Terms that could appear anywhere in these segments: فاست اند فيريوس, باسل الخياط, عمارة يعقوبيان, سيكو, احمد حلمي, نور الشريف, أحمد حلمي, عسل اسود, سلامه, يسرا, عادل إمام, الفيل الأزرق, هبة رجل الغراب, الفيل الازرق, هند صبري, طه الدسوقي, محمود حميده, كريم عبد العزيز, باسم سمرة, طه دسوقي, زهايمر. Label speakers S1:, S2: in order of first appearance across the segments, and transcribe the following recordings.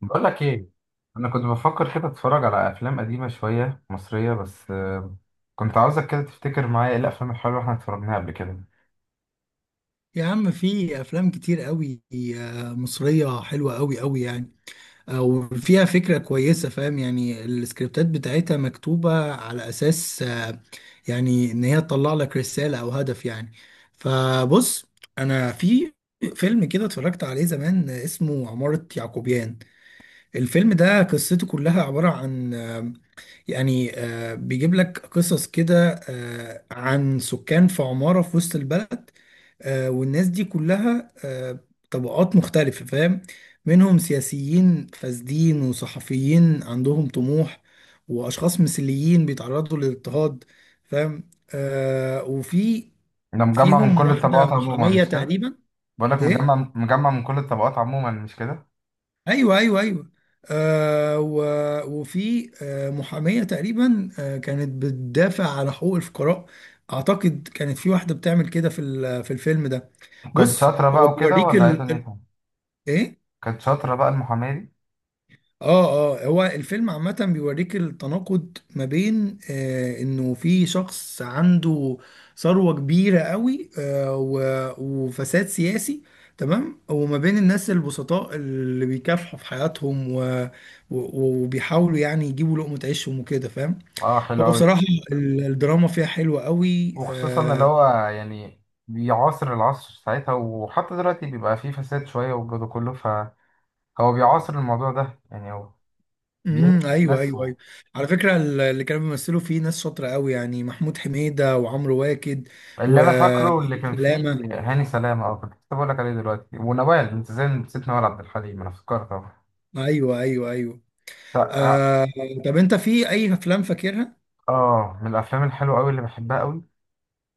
S1: بقول لك ايه. انا كنت بفكر كده اتفرج على افلام قديمه شويه مصريه بس كنت عاوزك كده تفتكر معايا ايه الافلام الحلوه اللي احنا اتفرجناها قبل كده.
S2: يا عم، في افلام كتير قوي، مصريه حلوه قوي قوي. يعني وفيها فكره كويسه. فاهم؟ يعني السكريبتات بتاعتها مكتوبه على اساس يعني ان هي تطلع لك رساله او هدف يعني. فبص، انا في فيلم كده اتفرجت عليه زمان اسمه عمارة يعقوبيان. الفيلم ده قصته كلها عبارة عن بيجيب لك قصص كده عن سكان في عمارة في وسط البلد. والناس دي كلها طبقات مختلفة. فاهم؟ منهم سياسيين فاسدين، وصحفيين عندهم طموح، وأشخاص مثليين بيتعرضوا للاضطهاد. فاهم؟ آه، وفي
S1: انا مجمع من
S2: فيهم
S1: كل
S2: واحدة
S1: الطبقات عموما،
S2: محامية
S1: مش كده؟
S2: تقريبا.
S1: بقول لك مجمع
S2: إيه؟
S1: مجمع من كل الطبقات عموما، مش كده؟
S2: أيوه أيوه أيوه. آه و... وفي محامية تقريبا كانت بتدافع على حقوق الفقراء. أعتقد كانت في واحدة بتعمل كده في الفيلم ده.
S1: وكانت
S2: بص،
S1: شاطره
S2: هو
S1: بقى وكده
S2: بيوريك
S1: ولا ايه دنيتها؟
S2: إيه،
S1: كانت شاطره بقى المحاماه دي؟
S2: اه اه. هو الفيلم عامة بيوريك التناقض ما بين انه في شخص عنده ثروة كبيرة قوي، وفساد سياسي. تمام. وما بين الناس البسطاء اللي بيكافحوا في حياتهم وبيحاولوا يعني يجيبوا لقمة عيشهم وكده. فاهم؟
S1: اه،
S2: هو
S1: حلو قوي.
S2: بصراحة الدراما فيها حلوة قوي
S1: وخصوصا اللي هو يعني بيعاصر العصر ساعتها، وحتى دلوقتي بيبقى فيه فساد شويه والجو ده كله، فهو بيعاصر الموضوع ده يعني. هو
S2: امم،
S1: بيلبس
S2: ايوه
S1: الناس.
S2: ايوه ايوه. على فكره، اللي كانوا بيمثلوا فيه ناس شاطره قوي يعني، محمود حميده وعمرو واكد
S1: اللي
S2: و
S1: انا فاكره اللي كان فيه
S2: سلامه.
S1: هاني سلامه. اه، كنت لسه بقول لك عليه دلوقتي، ونوال. انت ازاي نسيت نوال عبد الحليم؟ انا افتكرت اهو.
S2: ايوه ايوه ايوه.
S1: تا- اه
S2: آه. طب انت في اي افلام فاكرها؟
S1: من الافلام الحلوه قوي اللي بحبها قوي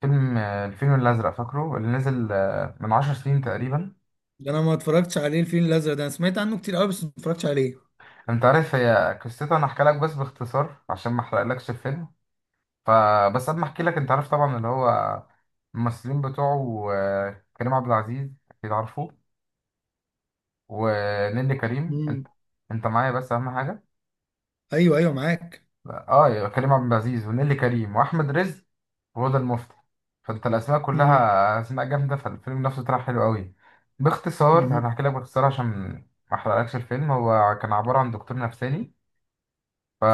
S1: فيلم الفيل الازرق، فاكره؟ اللي نزل من 10 سنين تقريبا.
S2: ده انا ما اتفرجتش عليه، الفيل الازرق ده انا سمعت عنه كتير قوي بس ما اتفرجتش عليه.
S1: انت عارف هي قصته؟ انا احكي لك بس باختصار عشان ما احرقلكش الفيلم. فبس قبل ما احكي لك، انت عارف طبعا اللي هو الممثلين بتوعه كريم عبد العزيز، اكيد عارفه، ونيللي كريم.
S2: امم.
S1: انت معايا؟ بس اهم حاجه.
S2: ايوه ايوه معاك.
S1: اه، يبقى كريم عبد العزيز ونيلي كريم واحمد رزق وهدى المفتي. فانت الاسماء
S2: امم.
S1: كلها اسماء جامده، فالفيلم نفسه طلع حلو قوي. باختصار
S2: امم.
S1: انا هحكي لك باختصار عشان ما احرقلكش الفيلم. هو كان عباره عن دكتور نفساني،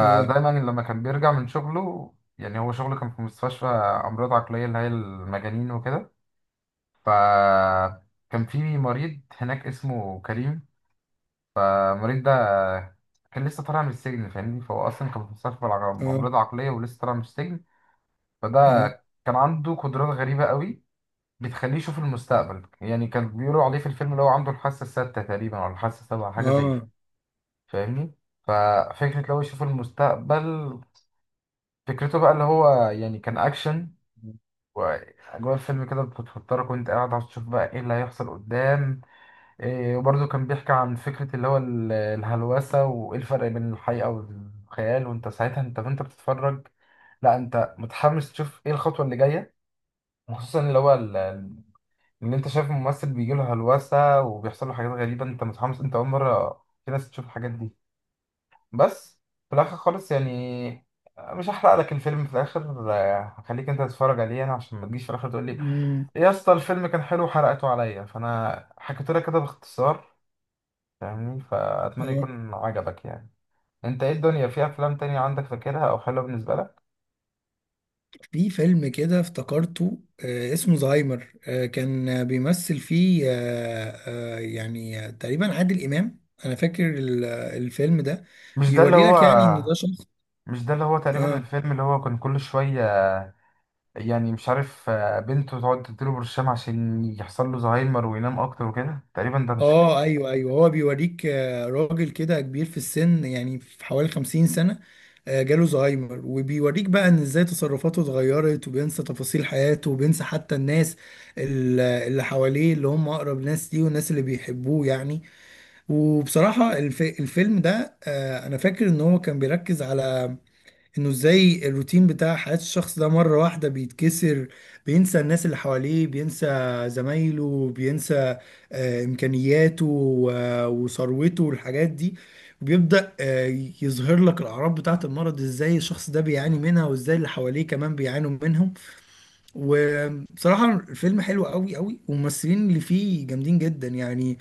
S2: اه
S1: لما كان بيرجع من شغله يعني، هو شغله كان في مستشفى امراض عقليه، اللي هي المجانين وكده. فكان في مريض هناك اسمه كريم. المريض ده كان لسه طالع من السجن، فاهمني؟ فهو اصلا كان في مستشفى
S2: اه
S1: امراض عقليه ولسه طالع من السجن. فده
S2: اه
S1: كان عنده قدرات غريبة قوي، بتخليه يشوف المستقبل. يعني كان بيقولوا عليه في الفيلم اللي هو عنده الحاسة الستة تقريبا أو الحاسة السابعة، حاجة زي كده،
S2: اه.
S1: فاهمني؟ ففكرة لو يشوف المستقبل، فكرته بقى اللي هو يعني كان أكشن، وأجواء الفيلم كده بتفطرك وأنت قاعد عشان تشوف بقى إيه اللي هيحصل قدام. إيه، وبرضه كان بيحكي عن فكرة اللي هو الهلوسة وإيه الفرق بين الحقيقة والخيال، وأنت ساعتها أنت بتتفرج، لا، أنت متحمس تشوف إيه الخطوة اللي جاية. وخصوصا اللي هو ان انت شايف ممثل بيجي له هلوسه وبيحصل له حاجات غريبه، انت متحمس، انت اول مره في ناس تشوف الحاجات دي. بس في الاخر خالص يعني، مش هحرق لك الفيلم في الاخر. هخليك انت تتفرج عليه انا، عشان ما تجيش في الاخر تقول لي
S2: امم.
S1: "إيه يا اسطى الفيلم كان حلو وحرقته عليا". فانا حكيت لك كده باختصار، فاهمني؟ فاتمنى
S2: اه.
S1: يكون عجبك يعني. انت ايه الدنيا، في افلام تانية عندك فاكرها او حلوه بالنسبه لك؟
S2: في فيلم كده افتكرته اسمه زهايمر. كان بيمثل فيه تقريبا عادل إمام. أنا فاكر الفيلم ده
S1: مش ده اللي
S2: بيوري
S1: هو؟
S2: لك يعني إن ده شخص.
S1: مش ده اللي هو تقريبا؟
S2: آه
S1: الفيلم اللي هو كان كل شويه يعني، مش عارف، بنته تقعد تديله برشام عشان يحصل له زهايمر وينام اكتر وكده، تقريبا، ده مش؟
S2: آه، أيوه أيوه. هو بيوريك راجل كده كبير في السن يعني في حوالي 50 سنة. جاله زهايمر وبيوريك بقى إن إزاي تصرفاته اتغيرت، وبينسى تفاصيل حياته، وبينسى حتى الناس اللي حواليه، اللي هم أقرب ناس ليه والناس اللي بيحبوه يعني. وبصراحة الفيلم ده أنا فاكر إن هو كان بيركز على إنه إزاي الروتين بتاع حياة الشخص ده مرة واحدة بيتكسر. بينسى الناس اللي حواليه، بينسى زمايله، بينسى إمكانياته وثروته والحاجات دي. وبيبدأ يظهر لك الأعراض بتاعة المرض، إزاي الشخص ده بيعاني منها وإزاي اللي حواليه كمان بيعانوا منهم. وبصراحة الفيلم حلو قوي قوي، والممثلين اللي فيه جامدين جدا يعني.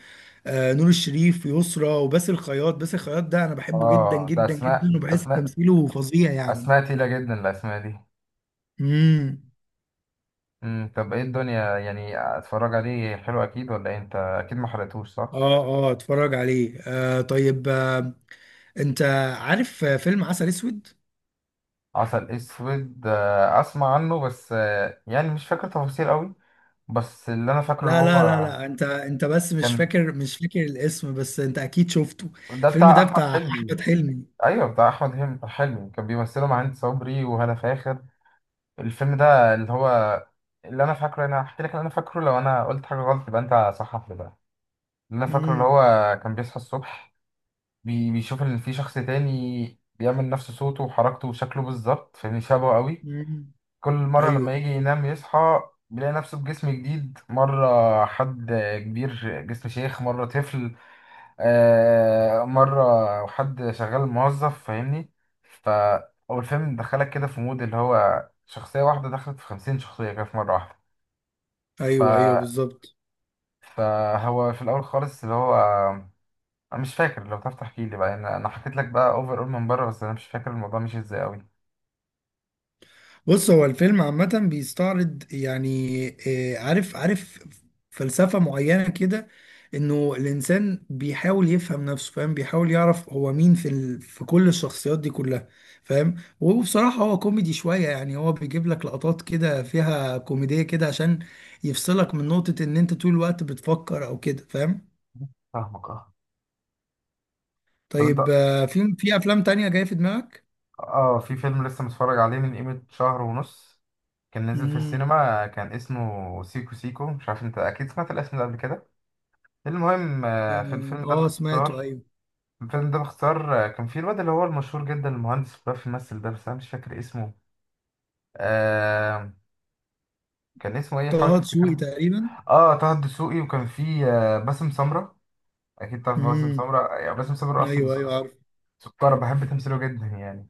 S2: آه، نور الشريف، يسرا، وباسل الخياط. باسل الخياط ده انا بحبه جدا
S1: اه، ده
S2: جدا جدا،
S1: اسماء،
S2: وبحس
S1: اسماء
S2: تمثيله فظيع يعني.
S1: اسماء تقيلة جدا الاسماء دي.
S2: امم.
S1: طب ايه الدنيا يعني، اتفرج عليه، حلو اكيد ولا إيه؟ انت اكيد ما حرقتوش، صح؟
S2: اه اه، اتفرج عليه. آه طيب، انت عارف فيلم عسل اسود؟
S1: عسل اسود، اسمع عنه بس، يعني مش فاكر تفاصيل قوي. بس اللي انا فاكره اللي
S2: لا لا لا
S1: هو
S2: لا، انت بس مش
S1: كان،
S2: فاكر، مش فاكر الاسم، بس انت اكيد شفته.
S1: ده
S2: الفيلم
S1: بتاع
S2: ده
S1: احمد
S2: بتاع
S1: حلمي؟
S2: احمد حلمي.
S1: ايوه، بتاع احمد حلمي كان بيمثله مع هند صبري وهالة فاخر. الفيلم ده اللي هو، اللي انا فاكره، انا هحكي لك اللي انا فاكره، لو انا قلت حاجه غلط يبقى انت صحح لي بقى. اللي انا فاكره اللي
S2: امم.
S1: هو كان بيصحى الصبح، بيشوف ان في شخص تاني بيعمل نفس صوته وحركته وشكله بالظبط، فاهمني؟ شبهه قوي.
S2: امم.
S1: كل مرة لما
S2: ايوه
S1: يجي ينام يصحى بيلاقي نفسه بجسم جديد. مرة حد كبير جسم شيخ، مرة طفل، مرة حد شغال موظف، فاهمني؟ ف، هو الفيلم دخلك كده في مود اللي هو شخصية واحدة دخلت في 50 شخصية كده في مرة واحدة. ف،
S2: ايوه ايوه بالظبط.
S1: فهو في الأول خالص اللي هو، أنا مش فاكر. لو تعرف تحكي لي بقى، أنا حكيت لك بقى أوفر، أول من بره، بس أنا مش فاكر الموضوع مشي إزاي أوي.
S2: بص، هو الفيلم عامة بيستعرض يعني عارف عارف فلسفة معينة كده. انه الانسان بيحاول يفهم نفسه. فاهم؟ بيحاول يعرف هو مين في كل الشخصيات دي كلها. فاهم؟ وبصراحة هو كوميدي شوية يعني، هو بيجيب لك لقطات كده فيها كوميدية كده عشان يفصلك من نقطة ان انت طول الوقت بتفكر او كده. فاهم؟
S1: فاهمك. اه، طب أنت.
S2: طيب في افلام تانية جاية في دماغك؟
S1: اه، في فيلم لسه متفرج عليه من قيمة شهر ونص، كان نزل في
S2: امم.
S1: السينما، كان اسمه سيكو سيكو، مش عارف، انت اكيد سمعت الاسم ده قبل كده. المهم، في
S2: اه.
S1: الفيلم ده
S2: سمعته،
S1: باختصار.
S2: ايوه.
S1: كان فيه الواد اللي هو المشهور جدا، المهندس اللي بيعرف يمثل ده، بس انا مش فاكر اسمه. آه، كان اسمه ايه؟ حاول
S2: طه دسوقي
S1: تفتكره.
S2: تقريبا.
S1: اه، طه الدسوقي، وكان فيه آه باسم سمرة، اكيد تعرف باسم
S2: امم،
S1: سمرة يعني. باسم سمرة اصلا
S2: ايوه
S1: ده
S2: ايوه عارف.
S1: سكارة، بحب تمثيله جدا يعني.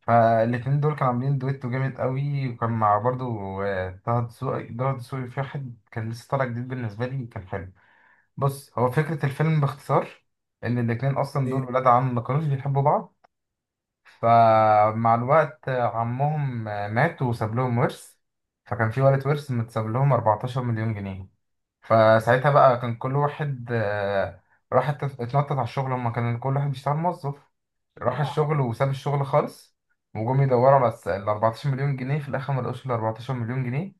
S1: فالاتنين دول كانوا عاملين دويتو جامد قوي، وكان مع برضو طه دسوقي، في واحد كان لسه طالع جديد بالنسبة لي، كان حلو. بص، هو فكرة الفيلم باختصار إن الاتنين أصلا دول
S2: ايه،
S1: ولاد عم، ما كانوش بيحبوا بعض. فمع الوقت عمهم مات وساب لهم ورث، فكان في ولد ورث متساب لهم 14 مليون جنيه. فساعتها بقى كان كل واحد راح اتنطط على الشغل. هما كان كل واحد بيشتغل موظف، راح
S2: اقنعه.
S1: الشغل وساب الشغل خالص، وجم يدوروا على ال 14 مليون جنيه. في الاخر ما لقوش ال 14 مليون جنيه،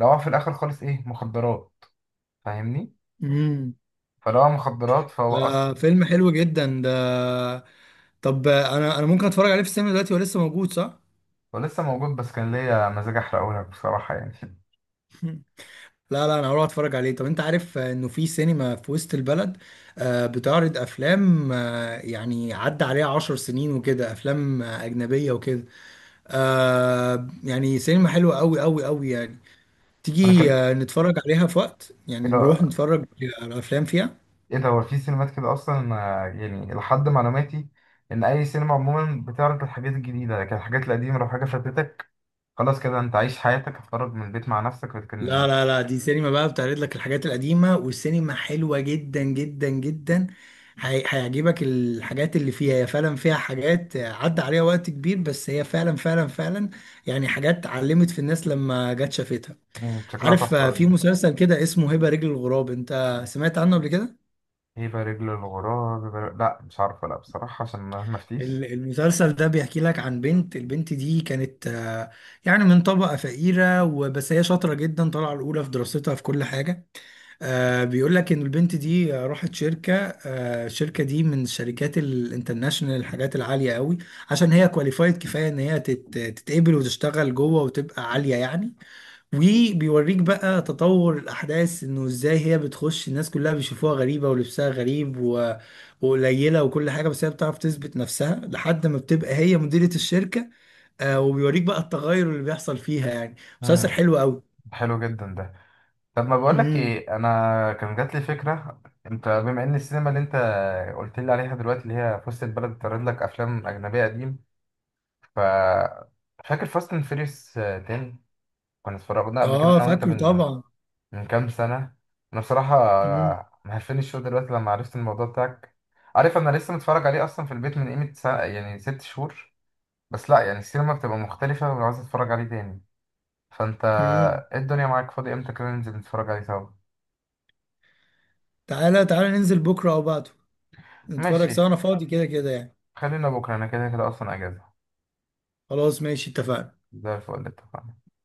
S1: لقوها في الاخر خالص، ايه، مخدرات، فاهمني؟
S2: امم.
S1: فلقوها مخدرات. فهو اصلا
S2: ده فيلم حلو جدا ده. طب انا ممكن اتفرج عليه في السينما دلوقتي؟ هو لسه موجود صح؟
S1: ولسه موجود، بس كان ليا مزاج احرقه لك بصراحة يعني
S2: لا لا، انا هروح اتفرج عليه. طب انت عارف انه في سينما في وسط البلد بتعرض افلام يعني عدى عليها 10 سنين وكده، افلام اجنبية وكده. يعني سينما حلوة قوي قوي قوي يعني.
S1: وانا
S2: تيجي
S1: كان
S2: نتفرج عليها في وقت؟
S1: ايه
S2: يعني نروح
S1: ده،
S2: نتفرج على افلام فيها.
S1: ايه ده؟ هو في سينمات كده اصلا يعني، لحد معلوماتي ان اي سينما عموما بتعرض الحاجات الجديدة، لكن الحاجات القديمة، لو حاجة فاتتك خلاص كده، انت عايش حياتك، هتخرج من البيت مع نفسك
S2: لا
S1: لكن.
S2: لا لا، دي سينما بقى بتعرض لك الحاجات القديمة، والسينما حلوة جدا جدا جدا. هيعجبك الحاجات اللي فيها. هي فعلا فيها حاجات عدى عليها وقت كبير، بس هي فعلا فعلا فعلا يعني حاجات علمت في الناس لما جت شافتها.
S1: شكلها
S2: عارف
S1: تحفة أوي
S2: في
S1: دي.
S2: مسلسل كده اسمه هبة رجل الغراب، انت سمعت عنه قبل كده؟
S1: هيبة رجل الغراب، لا، مش عارفة، لا بصراحة، عشان ما افتيش.
S2: المسلسل ده بيحكي لك عن بنت. البنت دي كانت يعني من طبقة فقيرة، وبس هي شاطرة جدا طالعة الأولى في دراستها في كل حاجة. آه، بيقول لك ان البنت دي راحت شركه. الشركه دي من الشركات الانترناشونال، الحاجات العاليه قوي، عشان هي كواليفايد كفايه ان هي تتقبل وتشتغل جوه وتبقى عاليه يعني. وبيوريك بقى تطور الاحداث انه ازاي هي بتخش الناس كلها بيشوفوها غريبه ولبسها غريب وقليله وكل حاجه، بس هي بتعرف تثبت نفسها لحد ما بتبقى هي مديره الشركه. آه، وبيوريك بقى التغير اللي بيحصل فيها يعني. مسلسل
S1: مم،
S2: حلو قوي.
S1: حلو جدا ده. طب ما بقولك
S2: امم.
S1: ايه، انا كان جات لي فكرة، انت بما ان السينما اللي انت قلت لي عليها دلوقتي، اللي هي في وسط البلد، بتعرض لك افلام اجنبية قديم. ف، فاكر فاست اند فيريوس 10؟ كنا اتفرجنا قبل كده
S2: اه،
S1: انا وانت
S2: فاكره
S1: من
S2: طبعا.
S1: من كام سنة. أنا بصراحة
S2: امم.
S1: مهفني الشو دلوقتي لما عرفت الموضوع بتاعك. عارف، أنا لسه متفرج عليه أصلا في البيت من قيمة سنة يعني 6 شهور. بس لأ، يعني السينما بتبقى مختلفة، وعاوز أتفرج عليه تاني. فأنت
S2: مم.
S1: إيه الدنيا، معاك فاضي إمتى كده ننزل نتفرج عليه سوا؟
S2: تعالى تعالى ننزل بكرة أو بعده، نتفرج سوا.
S1: ماشي،
S2: أنا فاضي كده كده يعني.
S1: خلينا بكرة، أنا كده كده أصلا أجازة.
S2: خلاص، ماشي، اتفقنا.
S1: زي الفل، اتفقنا.